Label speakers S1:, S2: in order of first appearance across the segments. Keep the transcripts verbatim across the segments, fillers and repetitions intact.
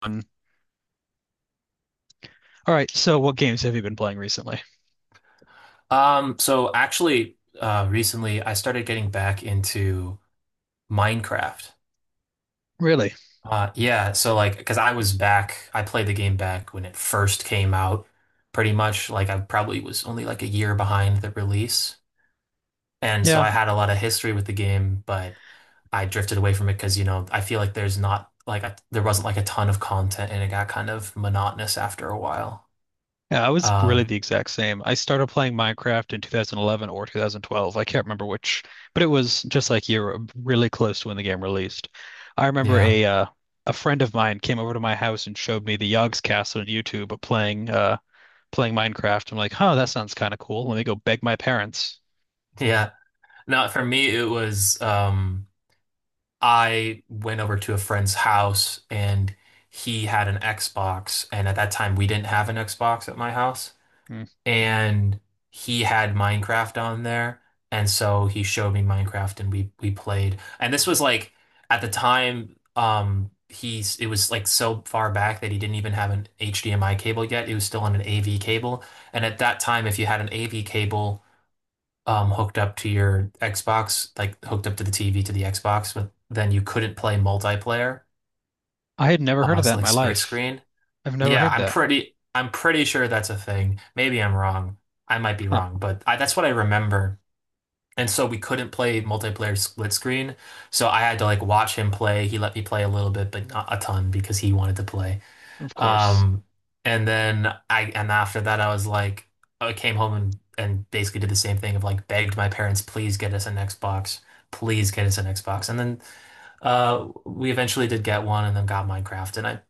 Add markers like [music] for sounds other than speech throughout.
S1: All right, so what games have you been playing recently?
S2: Um, so actually, uh, recently I started getting back into Minecraft.
S1: Really?
S2: Uh, yeah, so like, because I was back, I played the game back when it first came out, pretty much. Like, I probably was only like a year behind the release. And so
S1: Yeah.
S2: I had a lot of history with the game, but I drifted away from it because, you know, I feel like there's not like a, there wasn't like a ton of content and it got kind of monotonous after a while.
S1: Yeah, I was really
S2: Um,
S1: the exact same. I started playing Minecraft in two thousand eleven or twenty twelve. I can't remember which, but it was just like you were really close to when the game released. I remember
S2: yeah,
S1: a uh, a friend of mine came over to my house and showed me the Yogg's Castle on YouTube playing uh playing Minecraft. I'm like, "Huh, that sounds kind of cool. Let me go beg my parents."
S2: yeah. No, for me, it was, um, I went over to a friend's house and he had an Xbox. And at that time, we didn't have an Xbox at my house.
S1: Hmm.
S2: And he had Minecraft on there. And so he showed me Minecraft and we we played. And this was like at the time, um, he's it was like so far back that he didn't even have an H D M I cable yet. It was still on an A V cable. And at that time, if you had an A V cable, um hooked up to your Xbox, like hooked up to the T V to the Xbox, but then you couldn't play multiplayer,
S1: I had never heard
S2: uh,
S1: of
S2: so
S1: that in
S2: like
S1: my
S2: split
S1: life.
S2: screen.
S1: I've never
S2: Yeah,
S1: heard
S2: I'm
S1: that.
S2: pretty I'm pretty sure that's a thing. Maybe I'm wrong. I might be
S1: Huh,
S2: wrong, but I, that's what I remember. And so we couldn't play multiplayer split screen, so I had to like watch him play. He let me play a little bit, but not a ton because he wanted to play.
S1: of course.
S2: Um, and then I and after that I was like I came home and and basically did the same thing of like begged my parents, please get us an Xbox, please get us an Xbox. And then uh we eventually did get one and then got Minecraft and I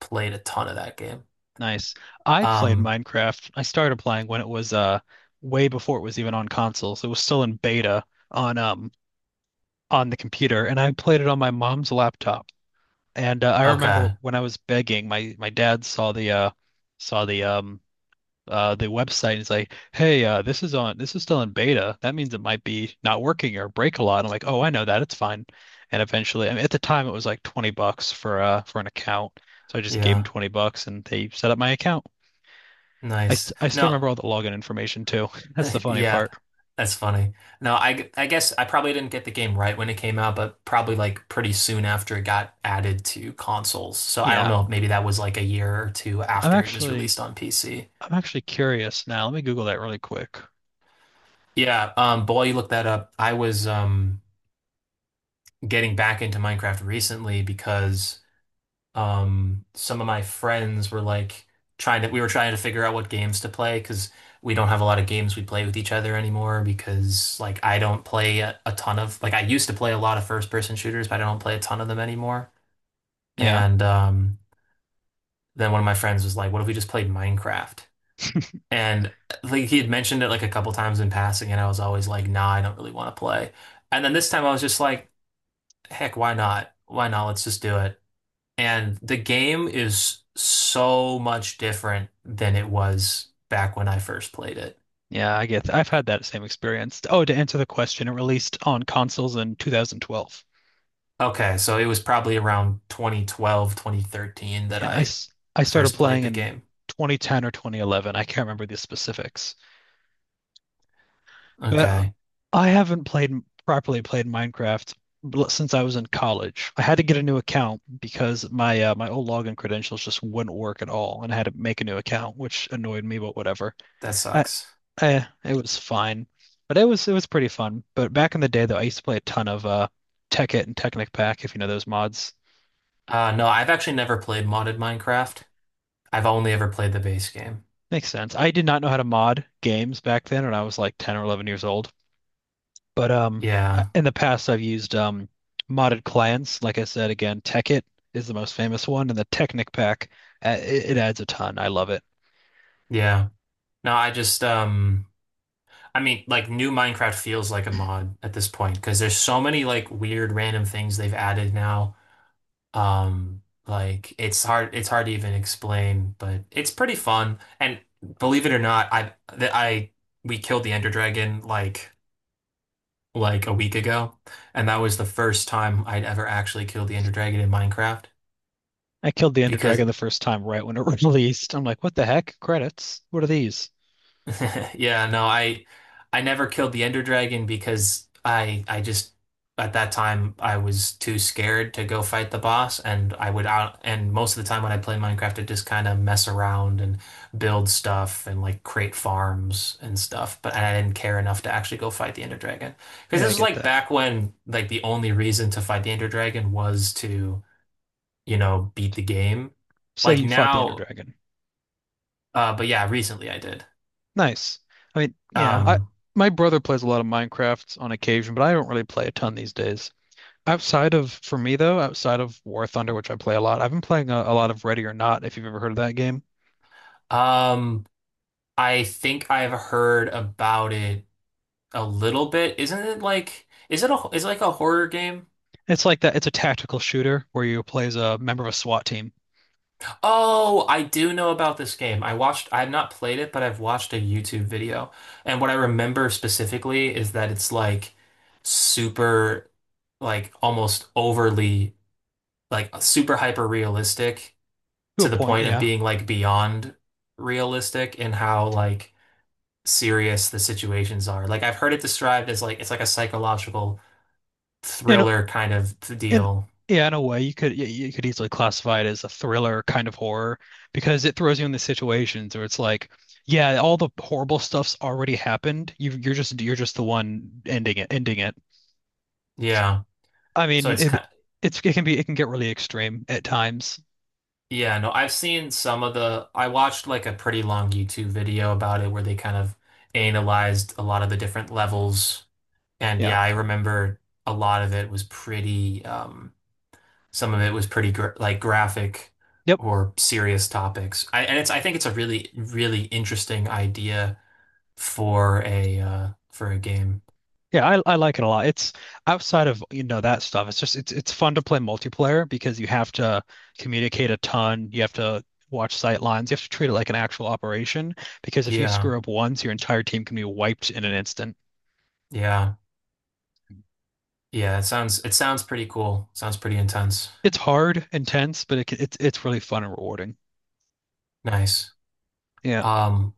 S2: played a ton of that game.
S1: Nice. I played
S2: Um,
S1: Minecraft. I started playing when it was uh way before it was even on consoles. It was still in beta on um on the computer, and I played it on my mom's laptop. And uh, I remember
S2: okay.
S1: when I was begging, my my dad saw the uh saw the um uh the website and he's like, "Hey, uh this is on this is still in beta. That means it might be not working or break a lot." And I'm like, "Oh, I know that. It's fine." And eventually, I mean, at the time it was like twenty bucks for uh for an account. So I just gave him
S2: Yeah.
S1: twenty bucks and they set up my account. I, st-
S2: Nice.
S1: I still
S2: Now,
S1: remember all the login information too. [laughs] That's the
S2: [laughs]
S1: funny
S2: yeah,
S1: part.
S2: that's funny. No, I, g- I guess I probably didn't get the game right when it came out, but probably like pretty soon after it got added to consoles. So I don't
S1: Yeah,
S2: know, if maybe that was like a year or two
S1: I'm
S2: after it was
S1: actually
S2: released on P C.
S1: I'm actually curious now. Let me Google that really quick.
S2: Yeah, um, but while you look that up, I was um getting back into Minecraft recently because um some of my friends were like trying to we were trying to figure out what games to play because we don't have a lot of games we play with each other anymore because like I don't play a, a ton of like I used to play a lot of first person shooters but I don't play a ton of them anymore
S1: Yeah,
S2: and um then one of my friends was like what if we just played Minecraft and like he had mentioned it like a couple times in passing and I was always like nah I don't really want to play and then this time I was just like heck why not why not let's just do it. And the game is so much different than it was back when I first played it.
S1: yeah, I get that. I've had that same experience. Oh, to answer the question, it released on consoles in two thousand twelve.
S2: Okay, so it was probably around twenty twelve, twenty thirteen that
S1: Yeah, I,
S2: I
S1: s- I started
S2: first played
S1: playing
S2: the
S1: in
S2: game.
S1: twenty ten or twenty eleven. I can't remember the specifics. But
S2: Okay,
S1: I haven't played properly played Minecraft bl- since I was in college. I had to get a new account because my uh, my old login credentials just wouldn't work at all, and I had to make a new account, which annoyed me, but whatever.
S2: that
S1: I,
S2: sucks.
S1: I it was fine, but it was it was pretty fun. But back in the day, though, I used to play a ton of uh, Tekkit and Technic Pack, if you know those mods.
S2: Uh, no, I've actually never played modded Minecraft. I've only ever played the base game.
S1: Makes sense. I did not know how to mod games back then, when I was like ten or eleven years old. But um, I-
S2: Yeah,
S1: in the past, I've used um, modded clients. Like I said, again, Tekkit is the most famous one, and the Technic pack, uh, it, it adds a ton. I love it.
S2: yeah. No, I just, um, I mean, like new Minecraft feels like a mod at this point because there's so many like weird random things they've added now. Um, like it's hard it's hard to even explain, but it's pretty fun. And believe it or not, I that I we killed the Ender Dragon like like a week ago, and that was the first time I'd ever actually killed the Ender Dragon in Minecraft
S1: I killed the Ender
S2: because
S1: Dragon the first time right when it [laughs] released. I'm like, what the heck? Credits? What are these?
S2: [laughs] yeah, no, I I never killed the Ender Dragon because I I just at that time I was too scared to go fight the boss and I would out and most of the time when I play Minecraft I just kind of mess around and build stuff and like create farms and stuff but I didn't care enough to actually go fight the Ender Dragon because
S1: Yeah,
S2: this
S1: I
S2: was
S1: get
S2: like
S1: that.
S2: back when like the only reason to fight the Ender Dragon was to you know beat the game
S1: Say
S2: like
S1: you fought the Ender
S2: now
S1: Dragon.
S2: uh but yeah recently I did.
S1: Nice. I mean, yeah, I
S2: um
S1: my brother plays a lot of Minecraft on occasion, but I don't really play a ton these days. Outside of, for me though, outside of War Thunder, which I play a lot, I've been playing a, a lot of Ready or Not, if you've ever heard of that game.
S2: um I think I've heard about it a little bit. Isn't it like is it a is it like a horror game?
S1: It's like that. It's a tactical shooter where you play as a member of a SWAT team
S2: Oh, I do know about this game. I watched I've not played it, but I've watched a YouTube video. And what I remember specifically is that it's like super like almost overly like super hyper realistic
S1: to a
S2: to the
S1: point.
S2: point of
S1: Yeah,
S2: being like beyond realistic in how like serious the situations are. Like I've heard it described as like it's like a psychological
S1: in a-
S2: thriller kind of
S1: in
S2: deal.
S1: yeah, in a way, you could you you could easily classify it as a thriller kind of horror because it throws you in the situations where it's like, yeah, all the horrible stuff's already happened. You you're just you're just the one ending it ending it.
S2: Yeah.
S1: I
S2: So
S1: mean,
S2: it's
S1: it
S2: kind
S1: it's it can- be it can get really extreme at times.
S2: yeah, no, I've seen some of the I watched like a pretty long YouTube video about it where they kind of analyzed a lot of the different levels. And
S1: Yeah.
S2: yeah, I remember a lot of it was pretty um some of it was pretty gr like graphic
S1: Yep.
S2: or serious topics. I and it's I think it's a really really interesting idea for a uh for a game.
S1: Yeah, I, I like it a lot. It's outside of, you know, that stuff. It's just it's it's fun to play multiplayer because you have to communicate a ton. You have to watch sight lines. You have to treat it like an actual operation because if you
S2: Yeah.
S1: screw up once, your entire team can be wiped in an instant.
S2: Yeah. Yeah, it sounds it sounds pretty cool. Sounds pretty intense.
S1: It's hard, intense, but it, can- it's it's really fun and rewarding.
S2: Nice.
S1: Yeah,
S2: Um,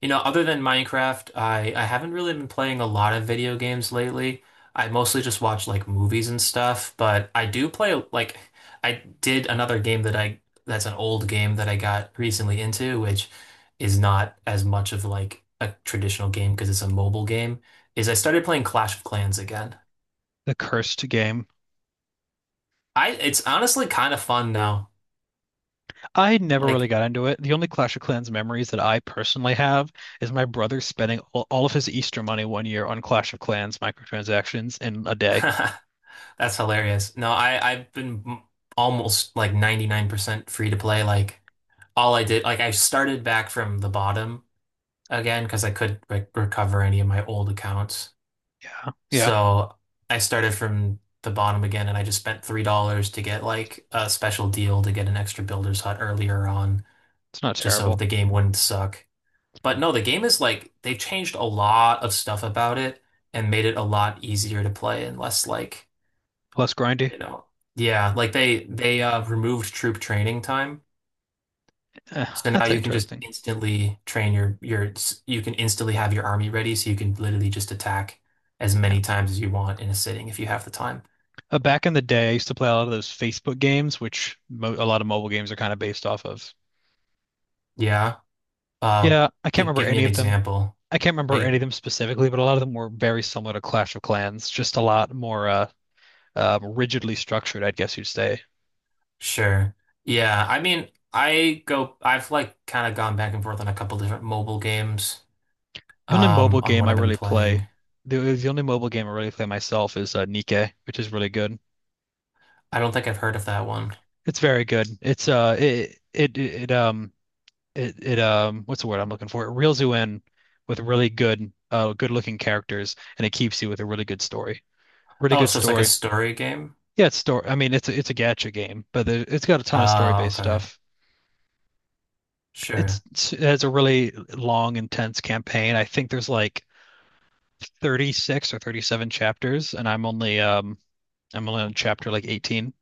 S2: you know, other than Minecraft, I I haven't really been playing a lot of video games lately. I mostly just watch like movies and stuff, but I do play like I did another game that I that's an old game that I got recently into, which is not as much of like a traditional game because it's a mobile game, is I started playing Clash of Clans again.
S1: the cursed game.
S2: I it's honestly kind of fun now.
S1: I never really
S2: Like
S1: got into it. The only Clash of Clans memories that I personally have is my brother spending all, all of his Easter money one year on Clash of Clans microtransactions in a
S2: [laughs]
S1: day.
S2: that's hilarious. No, I I've been m- almost like ninety-nine percent free to play. Like all I did, like I started back from the bottom again because I couldn't re recover any of my old accounts.
S1: Yeah.
S2: So I started from the bottom again and I just spent three dollars to get like a special deal to get an extra builder's hut earlier on
S1: It's not
S2: just so
S1: terrible.
S2: the game wouldn't suck. But no, the game is like they've changed a lot of stuff about it and made it a lot easier to play and less like
S1: Less grindy.
S2: you know. Yeah, like they they uh removed troop training time.
S1: Eh,
S2: So now
S1: that's
S2: you can just
S1: interesting.
S2: instantly train your your you can instantly have your army ready so you can literally just attack as
S1: Yeah.
S2: many times as you want in a sitting if you have the time.
S1: Uh, back in the day, I used to play a lot of those Facebook games, which mo a lot of mobile games are kind of based off of.
S2: Yeah. Uh
S1: Yeah, I can't
S2: Give
S1: remember
S2: give me
S1: any
S2: an
S1: of them.
S2: example.
S1: I can't remember any
S2: Like
S1: of them specifically, but a lot of them were very similar to Clash of Clans, just a lot more uh, uh, rigidly structured, I guess you'd say.
S2: sure. Yeah, I mean, I go I've like kind of gone back and forth on a couple different mobile games
S1: The only
S2: um
S1: mobile
S2: on
S1: game
S2: what
S1: I
S2: I've been
S1: really play,
S2: playing.
S1: the, the only mobile game I really play myself is uh, Nikke, which is really good.
S2: I don't think I've heard of that one.
S1: It's very good. It's uh, it it it um. it it um what's the word I'm looking for? It reels you in with really good uh good looking characters and it keeps you with a really good story. Really
S2: Oh,
S1: good
S2: so it's like a
S1: story.
S2: story game?
S1: Yeah, it's story. I mean, it's a, it's a gacha game, but there, it's got a ton of story
S2: Oh,
S1: based
S2: okay.
S1: stuff. It's,
S2: Sure.
S1: it's it has a really long, intense campaign. I think there's like thirty-six or thirty-seven chapters, and I'm only um I'm only on chapter like eighteen.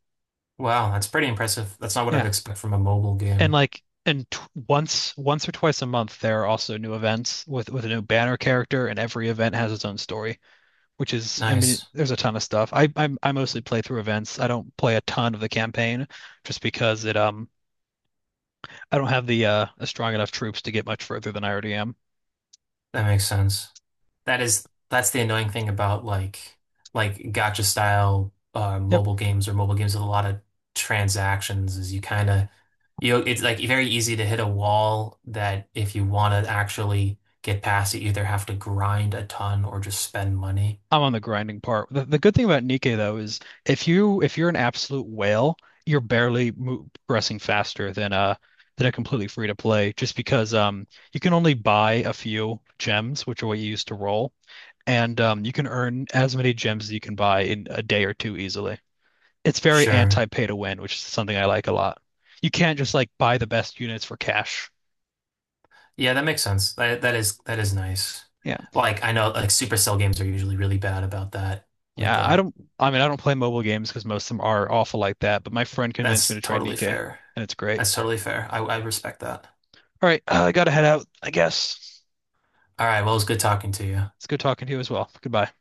S2: Wow, that's pretty impressive. That's not what I'd
S1: Yeah,
S2: expect from a mobile
S1: and
S2: game.
S1: like and t once once or twice a month, there are also new events with with a new banner character, and every event has its own story. Which is I mean,
S2: Nice.
S1: there's a ton of stuff. I I, I mostly play through events. I don't play a ton of the campaign just because it um I don't have the uh strong enough troops to get much further than I already am.
S2: That makes sense. That is that's the annoying thing about like like gacha style uh
S1: Yep,
S2: mobile games or mobile games with a lot of transactions is you kind of you know, it's like very easy to hit a wall that if you want to actually get past, you either have to grind a ton or just spend money.
S1: I'm on the grinding part. The, the good thing about Nikkei though is if you if you're an absolute whale, you're barely mo progressing faster than uh than a completely free to play just because um you can only buy a few gems, which are what you use to roll, and um you can earn as many gems as you can buy in a day or two easily. It's very
S2: Sure.
S1: anti-pay to win, which is something I like a lot. You can't just like buy the best units for cash.
S2: Yeah, that makes sense. That that is that is nice.
S1: Yeah.
S2: Like I know like Supercell games are usually really bad about that with
S1: Yeah, I
S2: the
S1: don't I mean I don't play mobile games because most of them are awful like that, but my friend convinced me
S2: that's
S1: to try
S2: totally
S1: Nikkei
S2: fair.
S1: and it's great.
S2: That's totally fair. I, I respect that.
S1: All right, uh, I gotta head out, I guess.
S2: All right. Well, it was good talking to you.
S1: It's good talking to you as well. Goodbye.